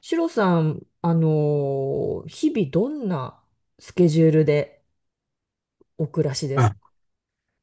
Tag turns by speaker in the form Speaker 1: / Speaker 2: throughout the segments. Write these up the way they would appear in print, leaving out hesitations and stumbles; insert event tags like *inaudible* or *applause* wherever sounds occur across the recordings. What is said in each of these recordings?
Speaker 1: シロさん、日々どんなスケジュールでお暮らしです
Speaker 2: あ、
Speaker 1: か？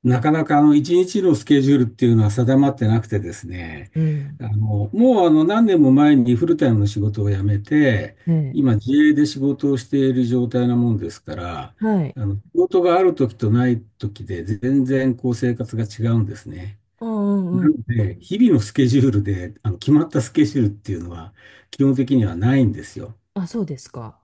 Speaker 2: なかなか一日のスケジュールっていうのは定まってなくてですね、
Speaker 1: うん。
Speaker 2: あのもうあの何年も前にフルタイムの仕事を辞めて、
Speaker 1: ね
Speaker 2: 今自営で仕事をしている状態なもんですから、
Speaker 1: え。はい。
Speaker 2: 仕事がある時とない時で全然こう生活が違うんですね。
Speaker 1: あ、う
Speaker 2: な
Speaker 1: んう
Speaker 2: の
Speaker 1: ん。
Speaker 2: で、日々のスケジュールで決まったスケジュールっていうのは基本的にはないんですよ。
Speaker 1: あ、そうですか。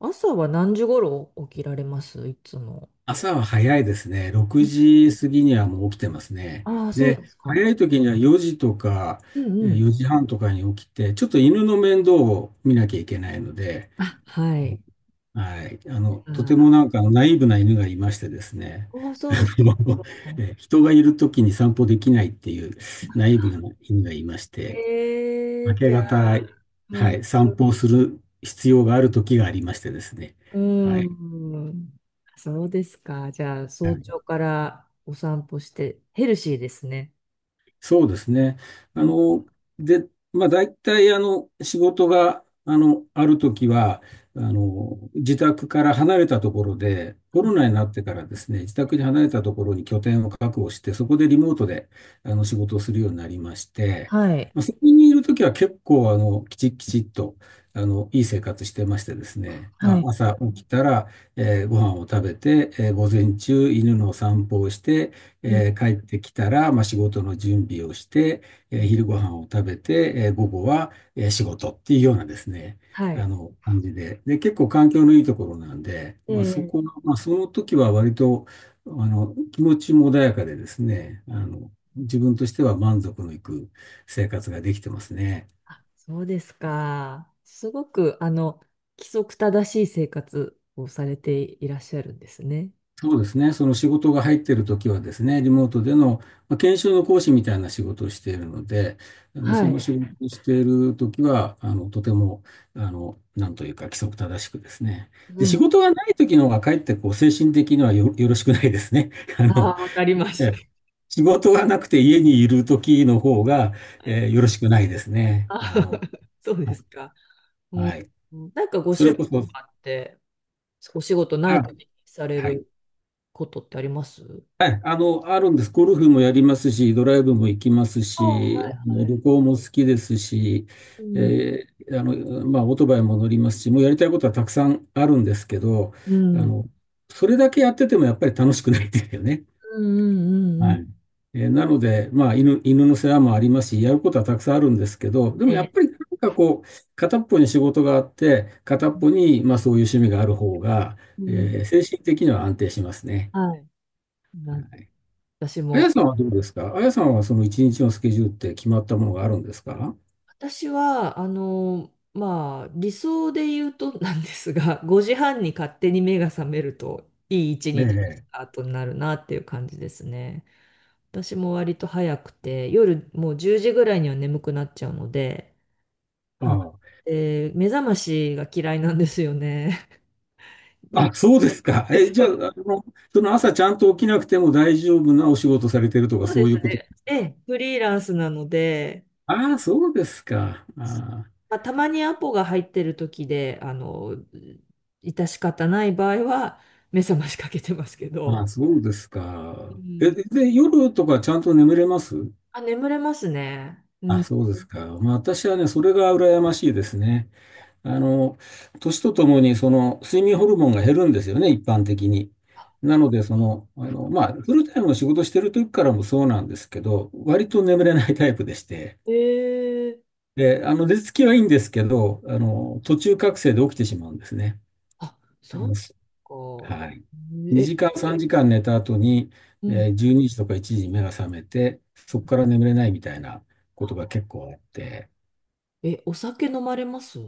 Speaker 1: 朝は何時頃起きられますいつも？
Speaker 2: 朝は早いですね。6時過ぎにはもう起きてますね。
Speaker 1: ああ、そうで
Speaker 2: で、
Speaker 1: すか。
Speaker 2: 早い時には4時とか
Speaker 1: うんうん。
Speaker 2: 4時半とかに起きて、ちょっと犬の面倒を見なきゃいけないので、
Speaker 1: あ、はい。
Speaker 2: はい。とて
Speaker 1: あ、
Speaker 2: もなんかナイーブな犬がいましてですね。
Speaker 1: ああ、そうな
Speaker 2: *laughs*
Speaker 1: の。
Speaker 2: 人がいる時に散歩できないっていうナイーブな犬がいまして、
Speaker 1: え
Speaker 2: 明
Speaker 1: え、
Speaker 2: け
Speaker 1: じゃ
Speaker 2: 方、
Speaker 1: あ、う
Speaker 2: は
Speaker 1: ん、
Speaker 2: い、散歩をする必要がある時がありましてですね。は
Speaker 1: う
Speaker 2: い。
Speaker 1: ん。そうですか。じゃあ、早朝からお散歩してヘルシーですね。
Speaker 2: そうですね。あ
Speaker 1: うん。
Speaker 2: の、で、まあ、大体、仕事が、あるときは、自宅から離れたところで、コロナになってからですね、自宅に離れたところに拠点を確保して、そこでリモートで、仕事をするようになりまして、
Speaker 1: はい。
Speaker 2: まあ、そこにいるときは結構、きちっきちっと、いい生活してましてですね、ま
Speaker 1: は
Speaker 2: あ、
Speaker 1: い。
Speaker 2: 朝起きたら、ご飯を食べて、午前中、犬の散歩をして、
Speaker 1: うん
Speaker 2: 帰ってきたら、まあ、仕事の準備をして、
Speaker 1: うん、
Speaker 2: 昼ご飯を食べて、午後は、仕事っていうようなですね、
Speaker 1: はい。
Speaker 2: 感じで。で、結構環境のいいところなんで、まあ、そ
Speaker 1: で、
Speaker 2: この、まあ、その時は割と、気持ちも穏やかでですね、自分としては満足のいく生活ができてますね。
Speaker 1: あ、そうですか。すごく、規則正しい生活をされていらっしゃるんですね。
Speaker 2: そうですね。その仕事が入っているときはですね、リモートでの、まあ、研修の講師みたいな仕事をしているので、
Speaker 1: は
Speaker 2: その
Speaker 1: い。
Speaker 2: 仕事をしているときは、とても、なんというか規則正しくですね。
Speaker 1: う
Speaker 2: で、
Speaker 1: ん。
Speaker 2: 仕事がないときの方がかえってこう、精神的にはよ、よろしくないですね。*laughs* あの、
Speaker 1: ああ、わかりま
Speaker 2: え
Speaker 1: す。
Speaker 2: え
Speaker 1: *laughs*
Speaker 2: 仕事がなくて家にいるときの方が、
Speaker 1: はい。
Speaker 2: よろしくないですね。
Speaker 1: あー、 *laughs* そう
Speaker 2: は
Speaker 1: で
Speaker 2: い。
Speaker 1: すか。うん、
Speaker 2: はい、
Speaker 1: なんかご
Speaker 2: そ
Speaker 1: 趣
Speaker 2: れ
Speaker 1: 味
Speaker 2: こ
Speaker 1: と
Speaker 2: そ、
Speaker 1: かあって、お仕事ない
Speaker 2: あ、
Speaker 1: 時にされ
Speaker 2: はい。
Speaker 1: ることってあります？
Speaker 2: はい、あるんです。ゴルフもやりますし、ドライブも行きます
Speaker 1: ああ、は
Speaker 2: し、あ
Speaker 1: い
Speaker 2: の
Speaker 1: はい。
Speaker 2: 旅行も好きですし、
Speaker 1: うん、
Speaker 2: まあ、オートバイも乗りますし、もうやりたいことはたくさんあるんですけど、
Speaker 1: う
Speaker 2: あ
Speaker 1: ん、
Speaker 2: の、それだけやっててもやっぱり楽しくないですよね。
Speaker 1: うん、うん、うん。う
Speaker 2: は
Speaker 1: ん、
Speaker 2: い。なので、まあ、犬の世話もありますし、やることはたくさんあるんですけど、でも
Speaker 1: え
Speaker 2: やっ
Speaker 1: え、
Speaker 2: ぱりなんかこう、片っぽに仕事があって、片っぽに、まあ、そういう趣味がある方が、
Speaker 1: うん、
Speaker 2: 精神的には安定しますね。
Speaker 1: はい。なん私
Speaker 2: あや
Speaker 1: も、
Speaker 2: さんはどうですか？あやさんはその一日のスケジュールって決まったものがあるんですか？
Speaker 1: 私は、まあ、理想で言うとなんですが、5時半に勝手に目が覚めると、いい一
Speaker 2: え
Speaker 1: 日のス
Speaker 2: え。
Speaker 1: タートになるなっていう感じですね。私も割と早くて、夜もう10時ぐらいには眠くなっちゃうので、はい。
Speaker 2: あ
Speaker 1: で、目覚ましが嫌いなんですよね。*laughs* な
Speaker 2: あ。
Speaker 1: の
Speaker 2: あ、そうですか。
Speaker 1: で
Speaker 2: え、じ
Speaker 1: そ
Speaker 2: ゃあ、
Speaker 1: う
Speaker 2: その朝ちゃんと起きなくても大丈夫なお仕事されてるとか
Speaker 1: そう
Speaker 2: そ
Speaker 1: で
Speaker 2: う
Speaker 1: す
Speaker 2: いうこと。
Speaker 1: ね。ええ、フリーランスなので、
Speaker 2: ああ、そうですか。あ
Speaker 1: まあ、たまにアポが入ってる時で、致し方ない場合は、目覚ましかけてますけ
Speaker 2: あ、あ
Speaker 1: ど。
Speaker 2: あ、そうです
Speaker 1: う
Speaker 2: か。え、
Speaker 1: ん。
Speaker 2: で、夜とかちゃんと眠れます？
Speaker 1: あ、眠れますね。う
Speaker 2: あ、
Speaker 1: ん。
Speaker 2: そうですか。まあ私はね、それが羨ましいですね。あの、年とともに、その、睡眠ホルモンが減るんですよね、一般的に。なので、その、まあ、フルタイムの仕事してる時からもそうなんですけど、割と眠れないタイプでして、
Speaker 1: ええ、
Speaker 2: で、寝つきはいいんですけど、途中覚醒で起きてしまうんですね。
Speaker 1: あ、
Speaker 2: あ
Speaker 1: そう
Speaker 2: のす
Speaker 1: か。
Speaker 2: はい。
Speaker 1: え、
Speaker 2: 2時間、3時間寝た後に、
Speaker 1: うん。
Speaker 2: えー12時とか1時に目が覚めて、そこから眠れないみたいなことが結構あって、
Speaker 1: え、お酒飲まれます？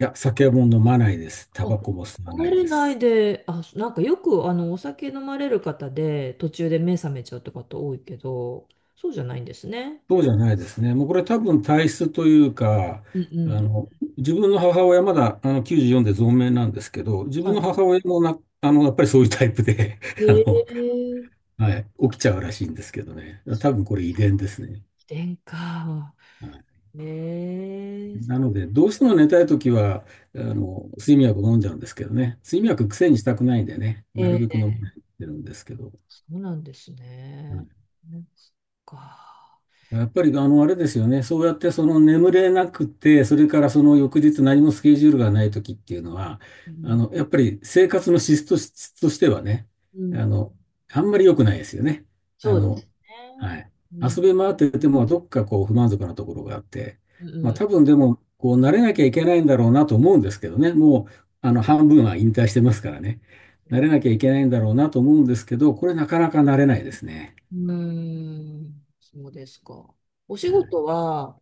Speaker 2: いや、酒も飲まないです。タ
Speaker 1: あ、
Speaker 2: バコも吸わ
Speaker 1: 飲
Speaker 2: な
Speaker 1: ま
Speaker 2: い
Speaker 1: れ
Speaker 2: で
Speaker 1: な
Speaker 2: す。
Speaker 1: いで、あ、なんかよく、お酒飲まれる方で、途中で目覚めちゃうって方多いけど、そうじゃないんですね。
Speaker 2: そうじゃないですね。もうこれ多分体質というか、
Speaker 1: うんう
Speaker 2: あ
Speaker 1: ん。
Speaker 2: の、自分の母親まだあの94で存命なんですけど、自分の
Speaker 1: は
Speaker 2: 母親もな、やっぱりそういうタイプで、
Speaker 1: い。
Speaker 2: *laughs* あの、
Speaker 1: ええー、遺
Speaker 2: はい、起きちゃうらしいんですけどね。多分これ遺伝ですね。
Speaker 1: 伝か。
Speaker 2: はい、
Speaker 1: ねえ。
Speaker 2: なので、どうしても寝たいときは、睡眠薬を飲んじゃうんですけどね。
Speaker 1: う
Speaker 2: 睡眠
Speaker 1: ん、
Speaker 2: 薬癖にしたくないんでね、な
Speaker 1: え
Speaker 2: るべく
Speaker 1: え、
Speaker 2: 飲まないようにしてるんですけど。
Speaker 1: そうなんですね。ね、そっか。
Speaker 2: やっぱり、あれですよね。そうやって、その眠れなくて、それからその翌日何もスケジュールがない時っていうのは、
Speaker 1: うん、
Speaker 2: やっぱり生活の質としてはね、
Speaker 1: う
Speaker 2: あ
Speaker 1: ん、
Speaker 2: の、あんまり良くないですよね。あ
Speaker 1: そうで
Speaker 2: の、
Speaker 1: すね。
Speaker 2: はい。
Speaker 1: うん、
Speaker 2: 遊び回ってても、どっかこう不満足なところがあって、
Speaker 1: う
Speaker 2: まあ
Speaker 1: ん、
Speaker 2: 多分でも、こう慣れなきゃいけないんだろうなと思うんですけどね。もう、半分は引退してますからね。
Speaker 1: う
Speaker 2: 慣
Speaker 1: ん、
Speaker 2: れなきゃいけないんだろうなと思うんですけど、これなかなか慣れないですね。
Speaker 1: うん、そうですか。お仕事は、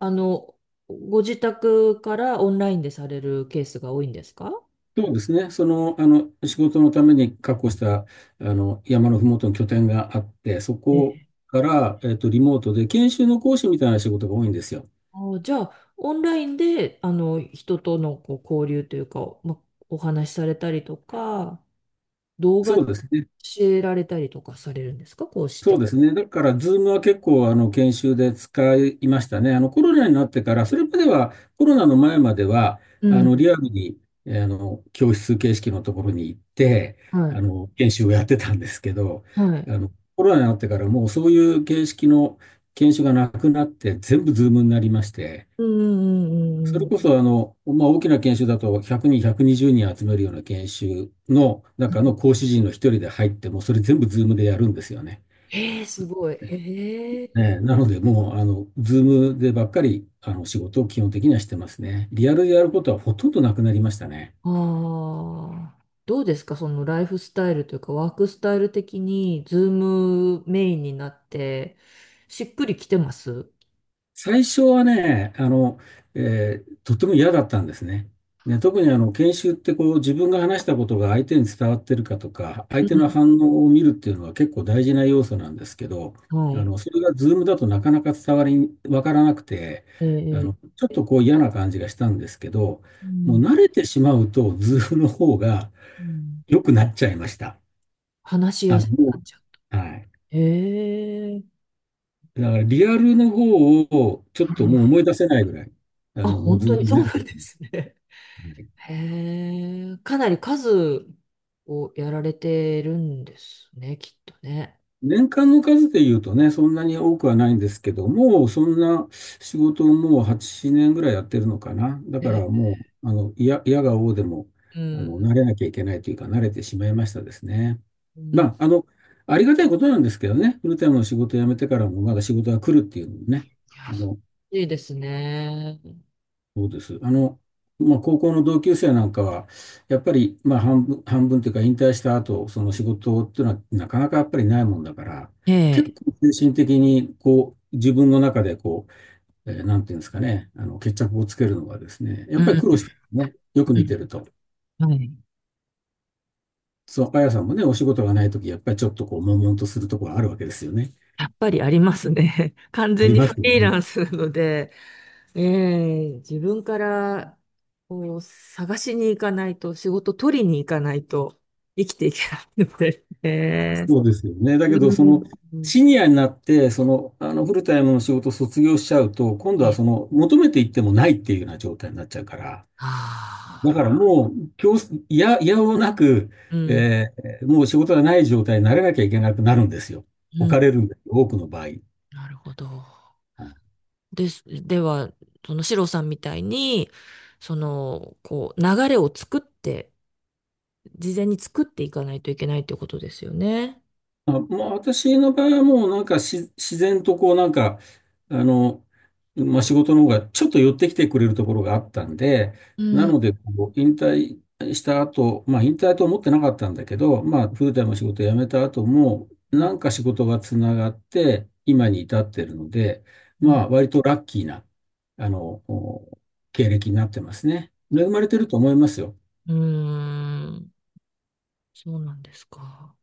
Speaker 1: あの、ご自宅からオンラインでされるケースが多いんですか？
Speaker 2: そうですね。その、仕事のために確保した、山のふもとの拠点があって、そ
Speaker 1: え
Speaker 2: こ
Speaker 1: え、
Speaker 2: から、えっと、リモートで研修の講師みたいな仕事が多いんですよ。
Speaker 1: あ、じゃあ、オンラインで、人とのこう交流というか、ま、お話しされたりとか、動画
Speaker 2: そ
Speaker 1: 教
Speaker 2: うですね。
Speaker 1: えられたりとかされるんですか、こうして？
Speaker 2: そうですね。だから、ズームは結構、研修で使いましたね。コロナになってから、それまでは、コロナの前までは、
Speaker 1: うん。
Speaker 2: リアルに、教室形式のところに行って、
Speaker 1: はい。
Speaker 2: 研修をやってたんですけど、
Speaker 1: はい。
Speaker 2: コロナになってから、もうそういう形式の研修がなくなって、全部ズームになりまして、
Speaker 1: うんうんう
Speaker 2: そ
Speaker 1: んう
Speaker 2: れ
Speaker 1: ん。
Speaker 2: こそ、まあ、大きな研修だと、100人、120人集めるような研修の中の講師陣の一人で入って、もそれ全部ズームでやるんですよね。
Speaker 1: ええ、すごい。
Speaker 2: ね
Speaker 1: ええ。
Speaker 2: え、なので、もう、ズームでばっかり、仕事を基本的にはしてますね。リアルでやることはほとんどなくなりましたね。
Speaker 1: ああ。どうですか、そのライフスタイルというか、ワークスタイル的に、ズームメインになって、しっくりきてます？
Speaker 2: 最初はね、とっても嫌だったんですね。ね、特にあの、研修ってこう、自分が話したことが相手に伝わってるかとか、相
Speaker 1: う
Speaker 2: 手の
Speaker 1: ん、
Speaker 2: 反応を見るっていうのは結構大事な要素なんですけど、
Speaker 1: はい。
Speaker 2: それがズームだとなかなか伝わり、わからなくて、
Speaker 1: ええ。
Speaker 2: ちょっとこう嫌な感じがしたんですけど、
Speaker 1: う
Speaker 2: もう
Speaker 1: ん。
Speaker 2: 慣れてしまうと、ズームの方が、
Speaker 1: うん、
Speaker 2: 良くなっちゃいました。
Speaker 1: 話しやすく
Speaker 2: も
Speaker 1: なっちゃう。
Speaker 2: う、はい。
Speaker 1: ええ。
Speaker 2: だからリアルの方をちょっともう思い出せないぐらい、
Speaker 1: あ、
Speaker 2: もう
Speaker 1: 本
Speaker 2: ズ
Speaker 1: 当
Speaker 2: ー
Speaker 1: に
Speaker 2: ムに
Speaker 1: そ
Speaker 2: 慣
Speaker 1: う
Speaker 2: れ
Speaker 1: な
Speaker 2: て
Speaker 1: ん
Speaker 2: る。
Speaker 1: ですね。
Speaker 2: はい。
Speaker 1: へえ、かなり数をやられてるんですね、きっとね。
Speaker 2: 年間の数で言うとね、そんなに多くはないんですけど、もうそんな仕事をもう8年ぐらいやってるのかな。だか
Speaker 1: え、
Speaker 2: らもう、いや、いやが応でも、
Speaker 1: うん、
Speaker 2: 慣れなきゃいけないというか、慣れてしまいましたですね。
Speaker 1: うん、い
Speaker 2: まあ、ありがたいことなんですけどね、フルタイムの仕事を辞めてからもまだ仕事が来るっていうのもね、あの、
Speaker 1: や、いいですね。
Speaker 2: そうです。まあ、高校の同級生なんかは、やっぱり、まあ、半分というか、引退した後、その仕事っていうのは、なかなかやっぱりないもんだから、
Speaker 1: え
Speaker 2: 結
Speaker 1: え、
Speaker 2: 構精神的に、こう、自分の中で、こう、えーなんていうんですかね、あの、決着をつけるのがですね、や
Speaker 1: う
Speaker 2: っぱり
Speaker 1: ん、
Speaker 2: 苦労してますね、よく見てると。
Speaker 1: うん、はい。
Speaker 2: そう、あやさんもね、お仕事がないとき、やっぱりちょっとこう、悶々とするところあるわけですよね。
Speaker 1: やっぱりありますね。*laughs* 完
Speaker 2: あ
Speaker 1: 全
Speaker 2: り
Speaker 1: に
Speaker 2: ま
Speaker 1: フ
Speaker 2: すよ
Speaker 1: リー
Speaker 2: ね。
Speaker 1: ランスなので、ええ、自分からこう探しに行かないと、仕事取りに行かないと生きていけないので、*laughs* ええ、
Speaker 2: そうですよね。だけ
Speaker 1: う
Speaker 2: ど、
Speaker 1: ん、うん、
Speaker 2: シニアになって、フルタイムの仕事を卒業しちゃうと、今度は
Speaker 1: ええ、
Speaker 2: その、求めていってもないっていうような状態になっちゃうから、だ
Speaker 1: あ
Speaker 2: からもう、強制、いや、いやおうなく、
Speaker 1: あ、うん。
Speaker 2: えもう仕事がない状態にならなきゃいけなくなるんですよ。
Speaker 1: う
Speaker 2: 置
Speaker 1: ん、
Speaker 2: かれるんですよ、多くの場合。
Speaker 1: なるほど。です。では、そのシロさんみたいに、その、こう、流れを作って、事前に作っていかないといけないってことですよね。
Speaker 2: あ、まあ、私の場合はもうなんかし自然とこうなんか、あの、まあ、仕事の方がちょっと寄ってきてくれるところがあったんで、
Speaker 1: う
Speaker 2: な
Speaker 1: ん。
Speaker 2: のでこう引退した後、まあ引退と思ってなかったんだけど、まあフルタイムの仕事を辞めた後も、
Speaker 1: うん
Speaker 2: なんか仕事がつながって今に至ってるので、まあ割とラッキーな、あの、お経歴になってますね。恵まれてると思いますよ。
Speaker 1: うん、うーん、そうなんですか。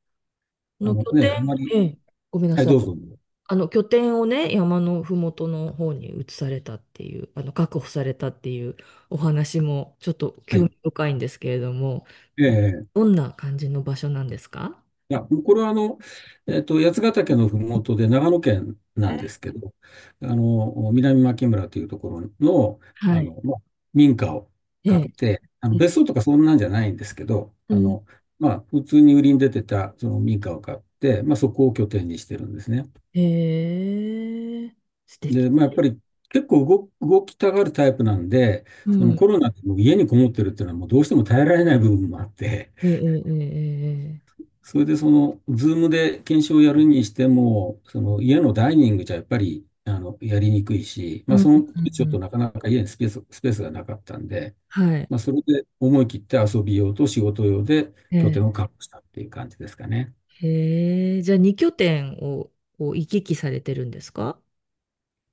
Speaker 1: こ
Speaker 2: あ
Speaker 1: の
Speaker 2: の
Speaker 1: 拠点、
Speaker 2: ね、あんまり、
Speaker 1: ええ、ごめんな
Speaker 2: はい、
Speaker 1: さい。
Speaker 2: どうぞ。
Speaker 1: あの拠点をね、山のふもとの方に移されたっていう、確保されたっていうお話もちょっと
Speaker 2: は
Speaker 1: 興
Speaker 2: い。
Speaker 1: 味深いんですけれども、
Speaker 2: ええ、
Speaker 1: どんな感じの場所なんですか？
Speaker 2: いや、これはあの、八ヶ岳のふもとで長野県なんですけど、あの、南牧村というところの、
Speaker 1: は
Speaker 2: あ
Speaker 1: い。
Speaker 2: の、まあ、民家を
Speaker 1: え
Speaker 2: 買っ
Speaker 1: え。
Speaker 2: て、あの、
Speaker 1: え、
Speaker 2: 別荘とかそんなんじゃないんですけど、
Speaker 1: う
Speaker 2: あ
Speaker 1: ん。
Speaker 2: の、まあ、普通に売りに出てたその民家を買って、まあ、そこを拠点にしてるんですね。
Speaker 1: へえ、素敵。
Speaker 2: で、まあ、やっぱり結構動きたがるタイプなんで、
Speaker 1: う
Speaker 2: そのコ
Speaker 1: ん。
Speaker 2: ロナでもう家にこもってるっていうのはもうどうしても耐えられない部分もあって、
Speaker 1: ええ、ええ、ええ。ええ、
Speaker 2: それでその、ズームで研修をやるにしても、その家のダイニングじゃやっぱり、あの、やりにくいし、
Speaker 1: う
Speaker 2: まあ
Speaker 1: ん。
Speaker 2: その時
Speaker 1: うん
Speaker 2: ち
Speaker 1: う
Speaker 2: ょっ
Speaker 1: ん、
Speaker 2: となかなか家にスペースがなかったんで、
Speaker 1: はい。
Speaker 2: まあそれで思い切って遊び用と仕事用で
Speaker 1: え
Speaker 2: 拠
Speaker 1: え。
Speaker 2: 点を確保したっていう感じですかね。
Speaker 1: へえ、じゃあ2拠点をこう行き来されてるんですか？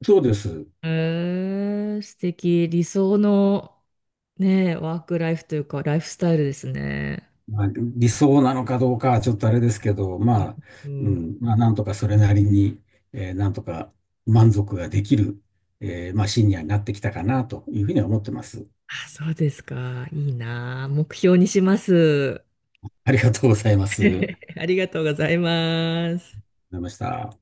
Speaker 2: そうです。
Speaker 1: へえ、素敵。理想の、ねえ、ワークライフというか、ライフスタイルですね。
Speaker 2: まあ、理想なのかどうかはちょっとあれですけど、まあ、
Speaker 1: う
Speaker 2: う
Speaker 1: ん。
Speaker 2: ん、まあなんとかそれなりに、なんとか満足ができる、まあシニアになってきたかなというふうには思ってます。
Speaker 1: あ、そうですか。いいなあ。目標にします。
Speaker 2: ありがとうございます。
Speaker 1: *laughs* ありがとうございます。
Speaker 2: りました。